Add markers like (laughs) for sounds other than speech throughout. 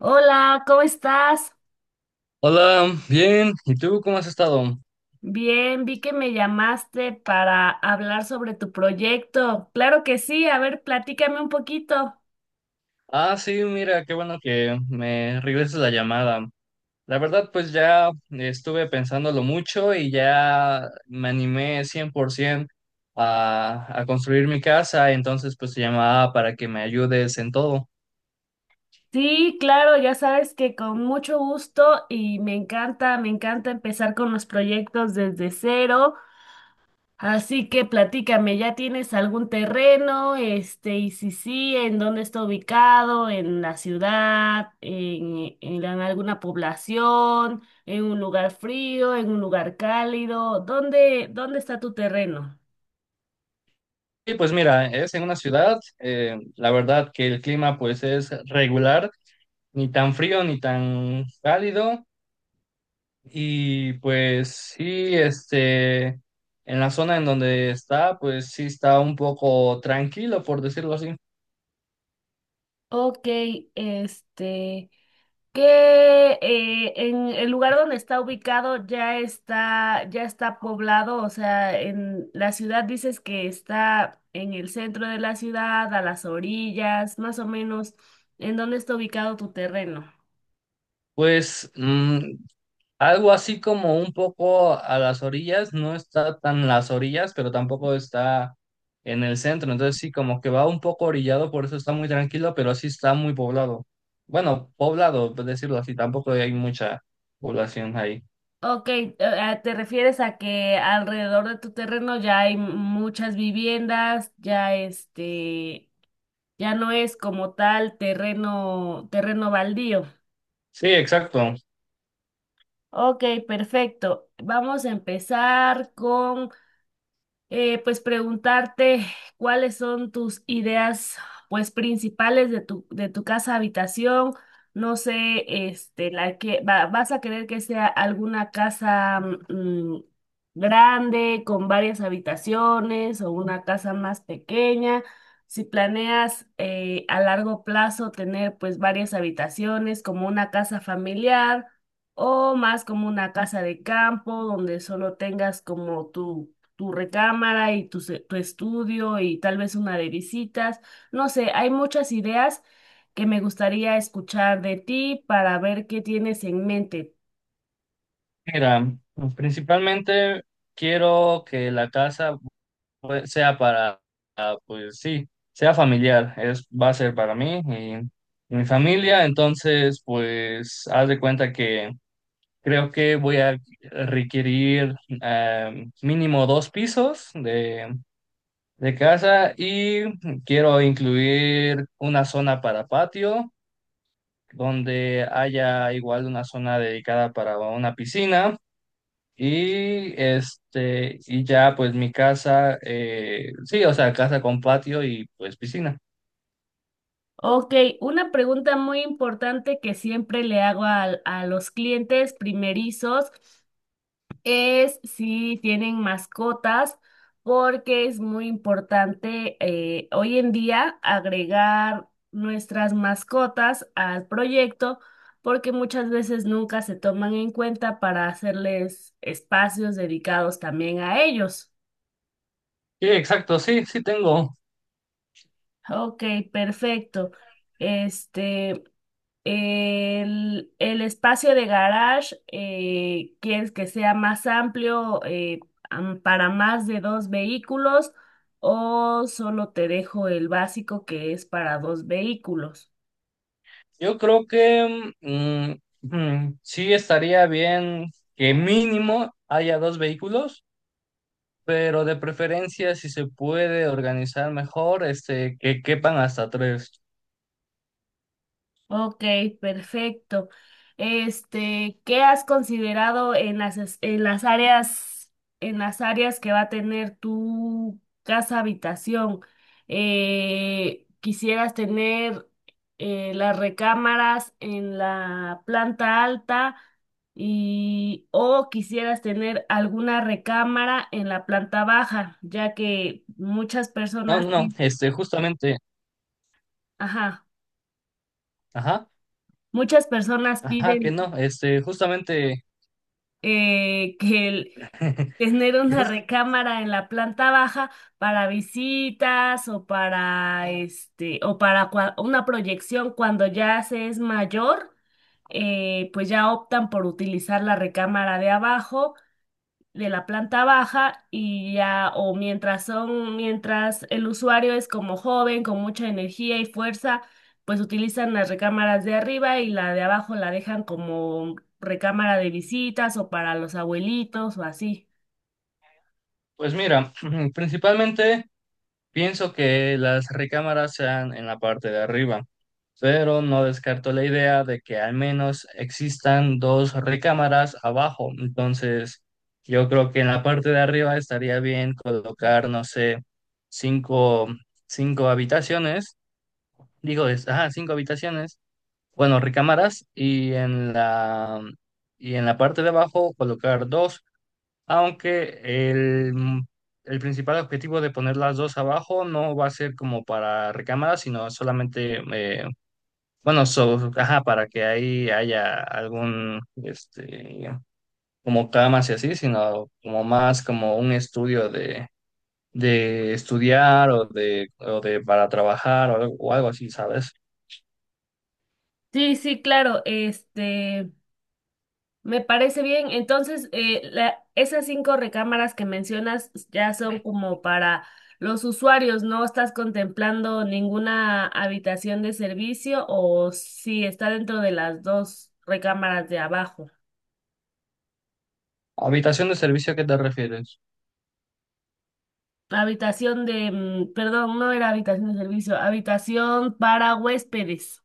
Hola, ¿cómo estás? Hola, bien. ¿Y tú cómo has estado? Bien, vi que me llamaste para hablar sobre tu proyecto. Claro que sí, a ver, platícame un poquito. Ah, sí, mira, qué bueno que me regreses la llamada. La verdad, pues ya estuve pensándolo mucho y ya me animé 100% a construir mi casa, entonces pues te llamaba para que me ayudes en todo. Sí, claro, ya sabes que con mucho gusto y me encanta empezar con los proyectos desde cero. Así que platícame, ¿ya tienes algún terreno? Este, y si sí, ¿en dónde está ubicado? ¿En la ciudad? En alguna población? ¿En un lugar frío? ¿En un lugar cálido? Dónde está tu terreno? Y pues mira, es en una ciudad, la verdad que el clima pues es regular, ni tan frío ni tan cálido. Y pues sí, en la zona en donde está, pues sí está un poco tranquilo, por decirlo así. Ok, este. Que en el lugar donde está ubicado ya está poblado, o sea, en la ciudad dices que está en el centro de la ciudad, a las orillas, más o menos, ¿en dónde está ubicado tu terreno? Pues mm, Algo así como un poco a las orillas, no está tan las orillas, pero tampoco está en el centro. Entonces sí, como que va un poco orillado, por eso está muy tranquilo, pero sí está muy poblado. Bueno, poblado, por decirlo así, tampoco hay mucha población ahí. Ok, te refieres a que alrededor de tu terreno ya hay muchas viviendas, ya este, ya no es como tal terreno baldío. Sí, exacto. Ok, perfecto. Vamos a empezar con pues preguntarte cuáles son tus ideas pues principales de de tu casa habitación. No sé, este, la que vas a querer que sea alguna casa mm, grande con varias habitaciones o una casa más pequeña. Si planeas a largo plazo tener pues varias habitaciones como una casa familiar o más como una casa de campo donde solo tengas como tu recámara y tu estudio y tal vez una de visitas. No sé, hay muchas ideas que me gustaría escuchar de ti para ver qué tienes en mente. Mira, pues, principalmente quiero que la casa pues, sea para, pues sí, sea familiar, es, va a ser para mí y mi familia, entonces pues haz de cuenta que creo que voy a requerir mínimo dos pisos de casa y quiero incluir una zona para patio, donde haya igual una zona dedicada para una piscina y y ya pues mi casa, sí, o sea, casa con patio y pues piscina. Ok, una pregunta muy importante que siempre le hago a los clientes primerizos es si tienen mascotas, porque es muy importante hoy en día agregar nuestras mascotas al proyecto, porque muchas veces nunca se toman en cuenta para hacerles espacios dedicados también a ellos. Sí, exacto, sí, sí tengo. Ok, perfecto. Este. El espacio de garage, ¿quieres que sea más amplio para más de dos vehículos o solo te dejo el básico que es para dos vehículos? Yo creo que sí estaría bien que mínimo haya dos vehículos, pero de preferencia si se puede organizar mejor, que quepan hasta tres. Ok, perfecto. Este, ¿qué has considerado en en las áreas que va a tener tu casa habitación? ¿Quisieras tener las recámaras en la planta alta y o quisieras tener alguna recámara en la planta baja, ya que muchas No, no, no, justamente, ajá, ajá, muchas personas ajá, que piden no, justamente, que (laughs) tener que una jus- recámara en la planta baja para visitas o para este o para una proyección cuando ya se es mayor, pues ya optan por utilizar la recámara de abajo de la planta baja y ya o mientras el usuario es como joven con mucha energía y fuerza, pues utilizan las recámaras de arriba y la de abajo la dejan como recámara de visitas o para los abuelitos o así. pues mira, (clears throat) principalmente pienso que las recámaras sean en la parte de arriba, pero no descarto la idea de que al menos existan dos recámaras abajo. Entonces, yo creo que en la parte de arriba estaría bien colocar, no sé, cinco, cinco habitaciones, ajá, cinco habitaciones, bueno, recámaras, y y en la parte de abajo colocar dos. Aunque el principal objetivo de poner las dos abajo no va a ser como para recámara, sino solamente, ajá, para que ahí haya algún, como camas y así, sino como más como un estudio de estudiar o de para trabajar algo o algo así, ¿sabes? Sí, claro, este, me parece bien. Entonces, esas cinco recámaras que mencionas ya son como para los usuarios, ¿no estás contemplando ninguna habitación de servicio o si está dentro de las dos recámaras de abajo? ¿Habitación de servicio, a qué te refieres? Habitación de, perdón, no era habitación de servicio, habitación para huéspedes.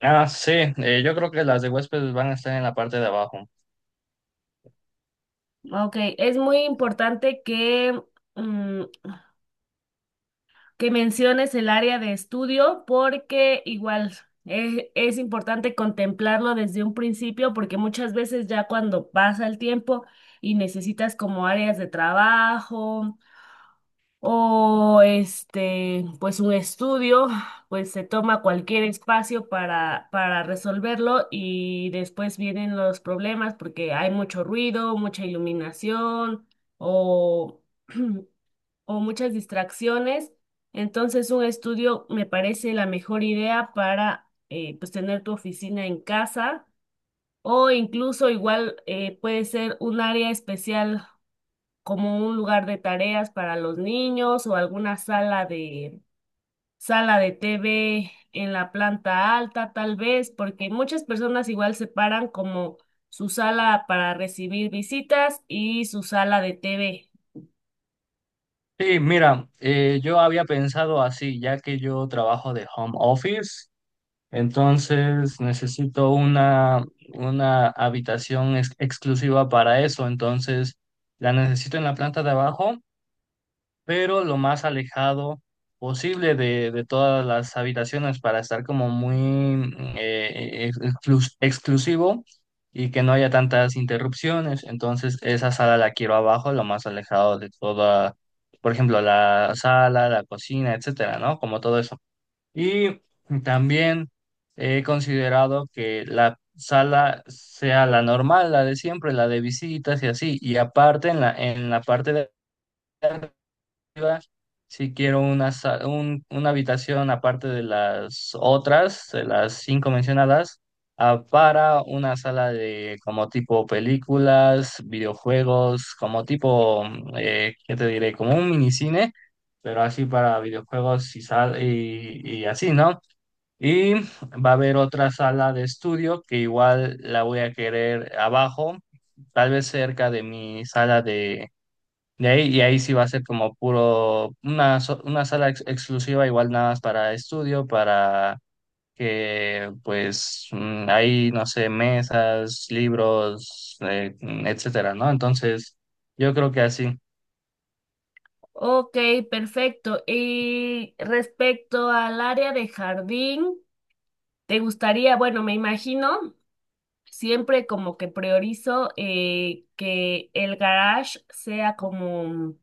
Ah, sí, yo creo que las de huéspedes van a estar en la parte de abajo. Ok, es muy importante que mm, que menciones el área de estudio porque igual es, importante contemplarlo desde un principio porque muchas veces ya cuando pasa el tiempo y necesitas como áreas de trabajo o este pues un estudio, pues se toma cualquier espacio para resolverlo y después vienen los problemas porque hay mucho ruido, mucha iluminación o (clears throat) o muchas distracciones. Entonces, un estudio me parece la mejor idea para pues tener tu oficina en casa o incluso igual puede ser un área especial como un lugar de tareas para los niños o alguna sala de TV en la planta alta, tal vez, porque muchas personas igual separan como su sala para recibir visitas y su sala de TV. Sí, mira, yo había pensado así, ya que yo trabajo de home office, entonces necesito una habitación exclusiva para eso, entonces la necesito en la planta de abajo pero lo más alejado posible de todas las habitaciones para estar como muy exclusivo y que no haya tantas interrupciones. Entonces, esa sala la quiero abajo, lo más alejado de toda, por ejemplo, la sala, la cocina, etcétera, ¿no? Como todo eso. Y también he considerado que la sala sea la normal, la de siempre, la de visitas y así. Y aparte, en la parte de si quiero una habitación aparte de las otras, de las cinco mencionadas, ah, para una sala de como tipo películas, videojuegos, como tipo, ¿qué te diré? Como un minicine, pero así para videojuegos y así, ¿no? Y va a haber otra sala de estudio que igual la voy a querer abajo, tal vez cerca de mi sala y ahí sí va a ser como puro, una sala exclusiva, igual nada más para estudio, para que pues ahí, no sé, mesas, libros, etcétera, ¿no? Entonces, yo creo que así. Ok, perfecto. Y respecto al área de jardín, ¿te gustaría, bueno, me imagino, siempre como que priorizo que el garage sea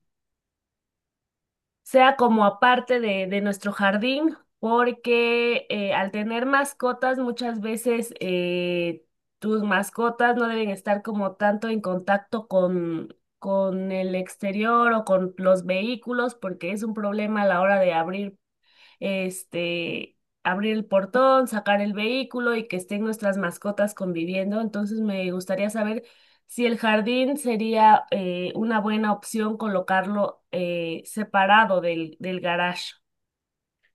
sea como aparte de nuestro jardín, porque al tener mascotas muchas veces tus mascotas no deben estar como tanto en contacto con el exterior o con los vehículos porque es un problema a la hora de abrir este, abrir el portón, sacar el vehículo y que estén nuestras mascotas conviviendo. Entonces me gustaría saber si el jardín sería una buena opción colocarlo separado del garage.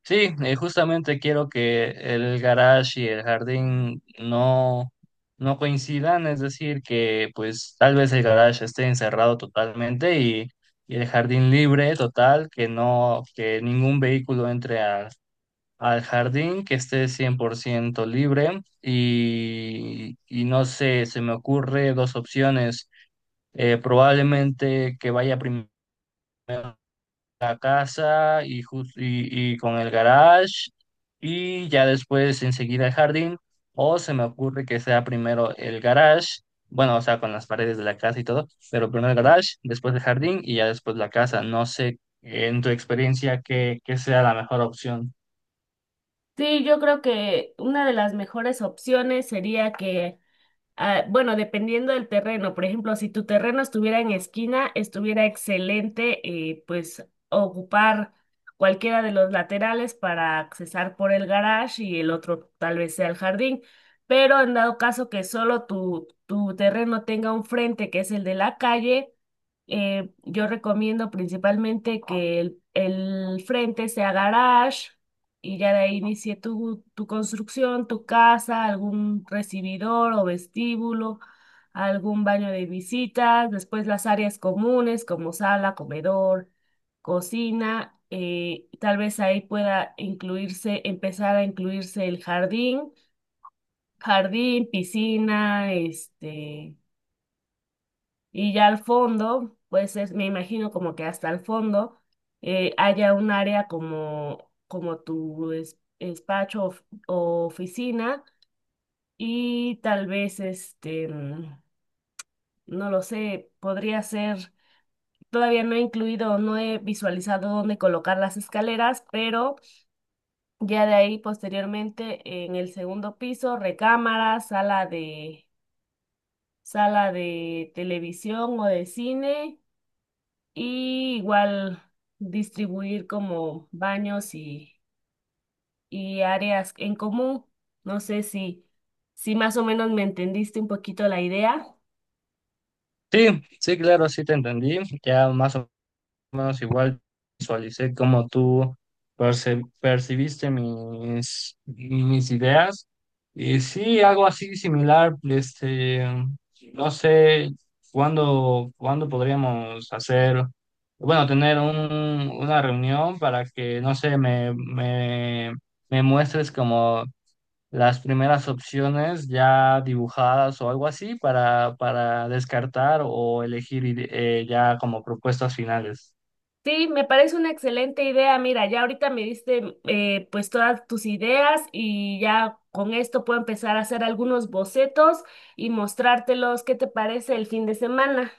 Sí, justamente quiero que el garage y el jardín no, no coincidan, es decir, que pues tal vez el garage esté encerrado totalmente y el jardín libre total, que no, que ningún vehículo entre a al jardín, que esté 100% libre y no sé, se me ocurre dos opciones. Probablemente que vaya primero a la casa y con el garage y ya después enseguida el jardín. O se me ocurre que sea primero el garage, bueno, o sea, con las paredes de la casa y todo, pero primero el garage, después el jardín y ya después la casa. No sé, en tu experiencia, qué sea la mejor opción. Sí, yo creo que una de las mejores opciones sería que... Ah, bueno, dependiendo del terreno, por ejemplo, si tu terreno estuviera en esquina, estuviera excelente, pues ocupar cualquiera de los laterales para accesar por el garage y el otro tal vez sea el jardín, pero en dado caso que solo tu terreno tenga un frente que es el de la calle, yo recomiendo principalmente que el frente sea garage y ya de ahí inicié tu construcción, tu casa, algún recibidor o vestíbulo, algún baño de visitas, después las áreas comunes como sala, comedor, cocina. Tal vez ahí pueda incluirse, empezar a incluirse el jardín, jardín, piscina, este, y ya al fondo, pues es, me imagino como que hasta el fondo haya un área como, como tu despacho o oficina y tal vez este, no lo sé, podría ser, todavía no he incluido, no he visualizado dónde colocar las escaleras, pero ya de ahí posteriormente en el segundo piso, recámara, sala de televisión o de cine. Y igual distribuir como y áreas en común. No sé si, si más o menos me entendiste un poquito la idea. Sí, sí, claro, sí te entendí. Ya más o menos igual visualicé cómo tú percibiste mis ideas. Y sí, algo así similar, no sé cuándo podríamos hacer, bueno, tener una reunión para que, no sé, me muestres como las primeras opciones ya dibujadas o algo así para descartar o elegir ya como propuestas finales. Sí, me parece una excelente idea. Mira, ya ahorita me diste pues todas tus ideas y ya con esto puedo empezar a hacer algunos bocetos y mostrártelos. ¿Qué te parece el fin de semana?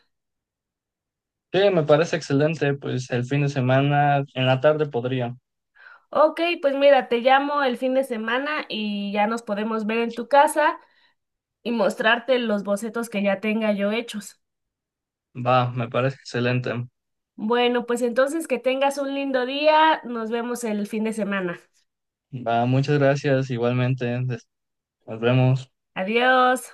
Sí, me parece excelente, pues el fin de semana en la tarde podría. Ok, pues mira, te llamo el fin de semana y ya nos podemos ver en tu casa y mostrarte los bocetos que ya tenga yo hechos. Va, me parece excelente. Bueno, pues entonces que tengas un lindo día. Nos vemos el fin de semana. Va, muchas gracias igualmente. Nos vemos. Adiós.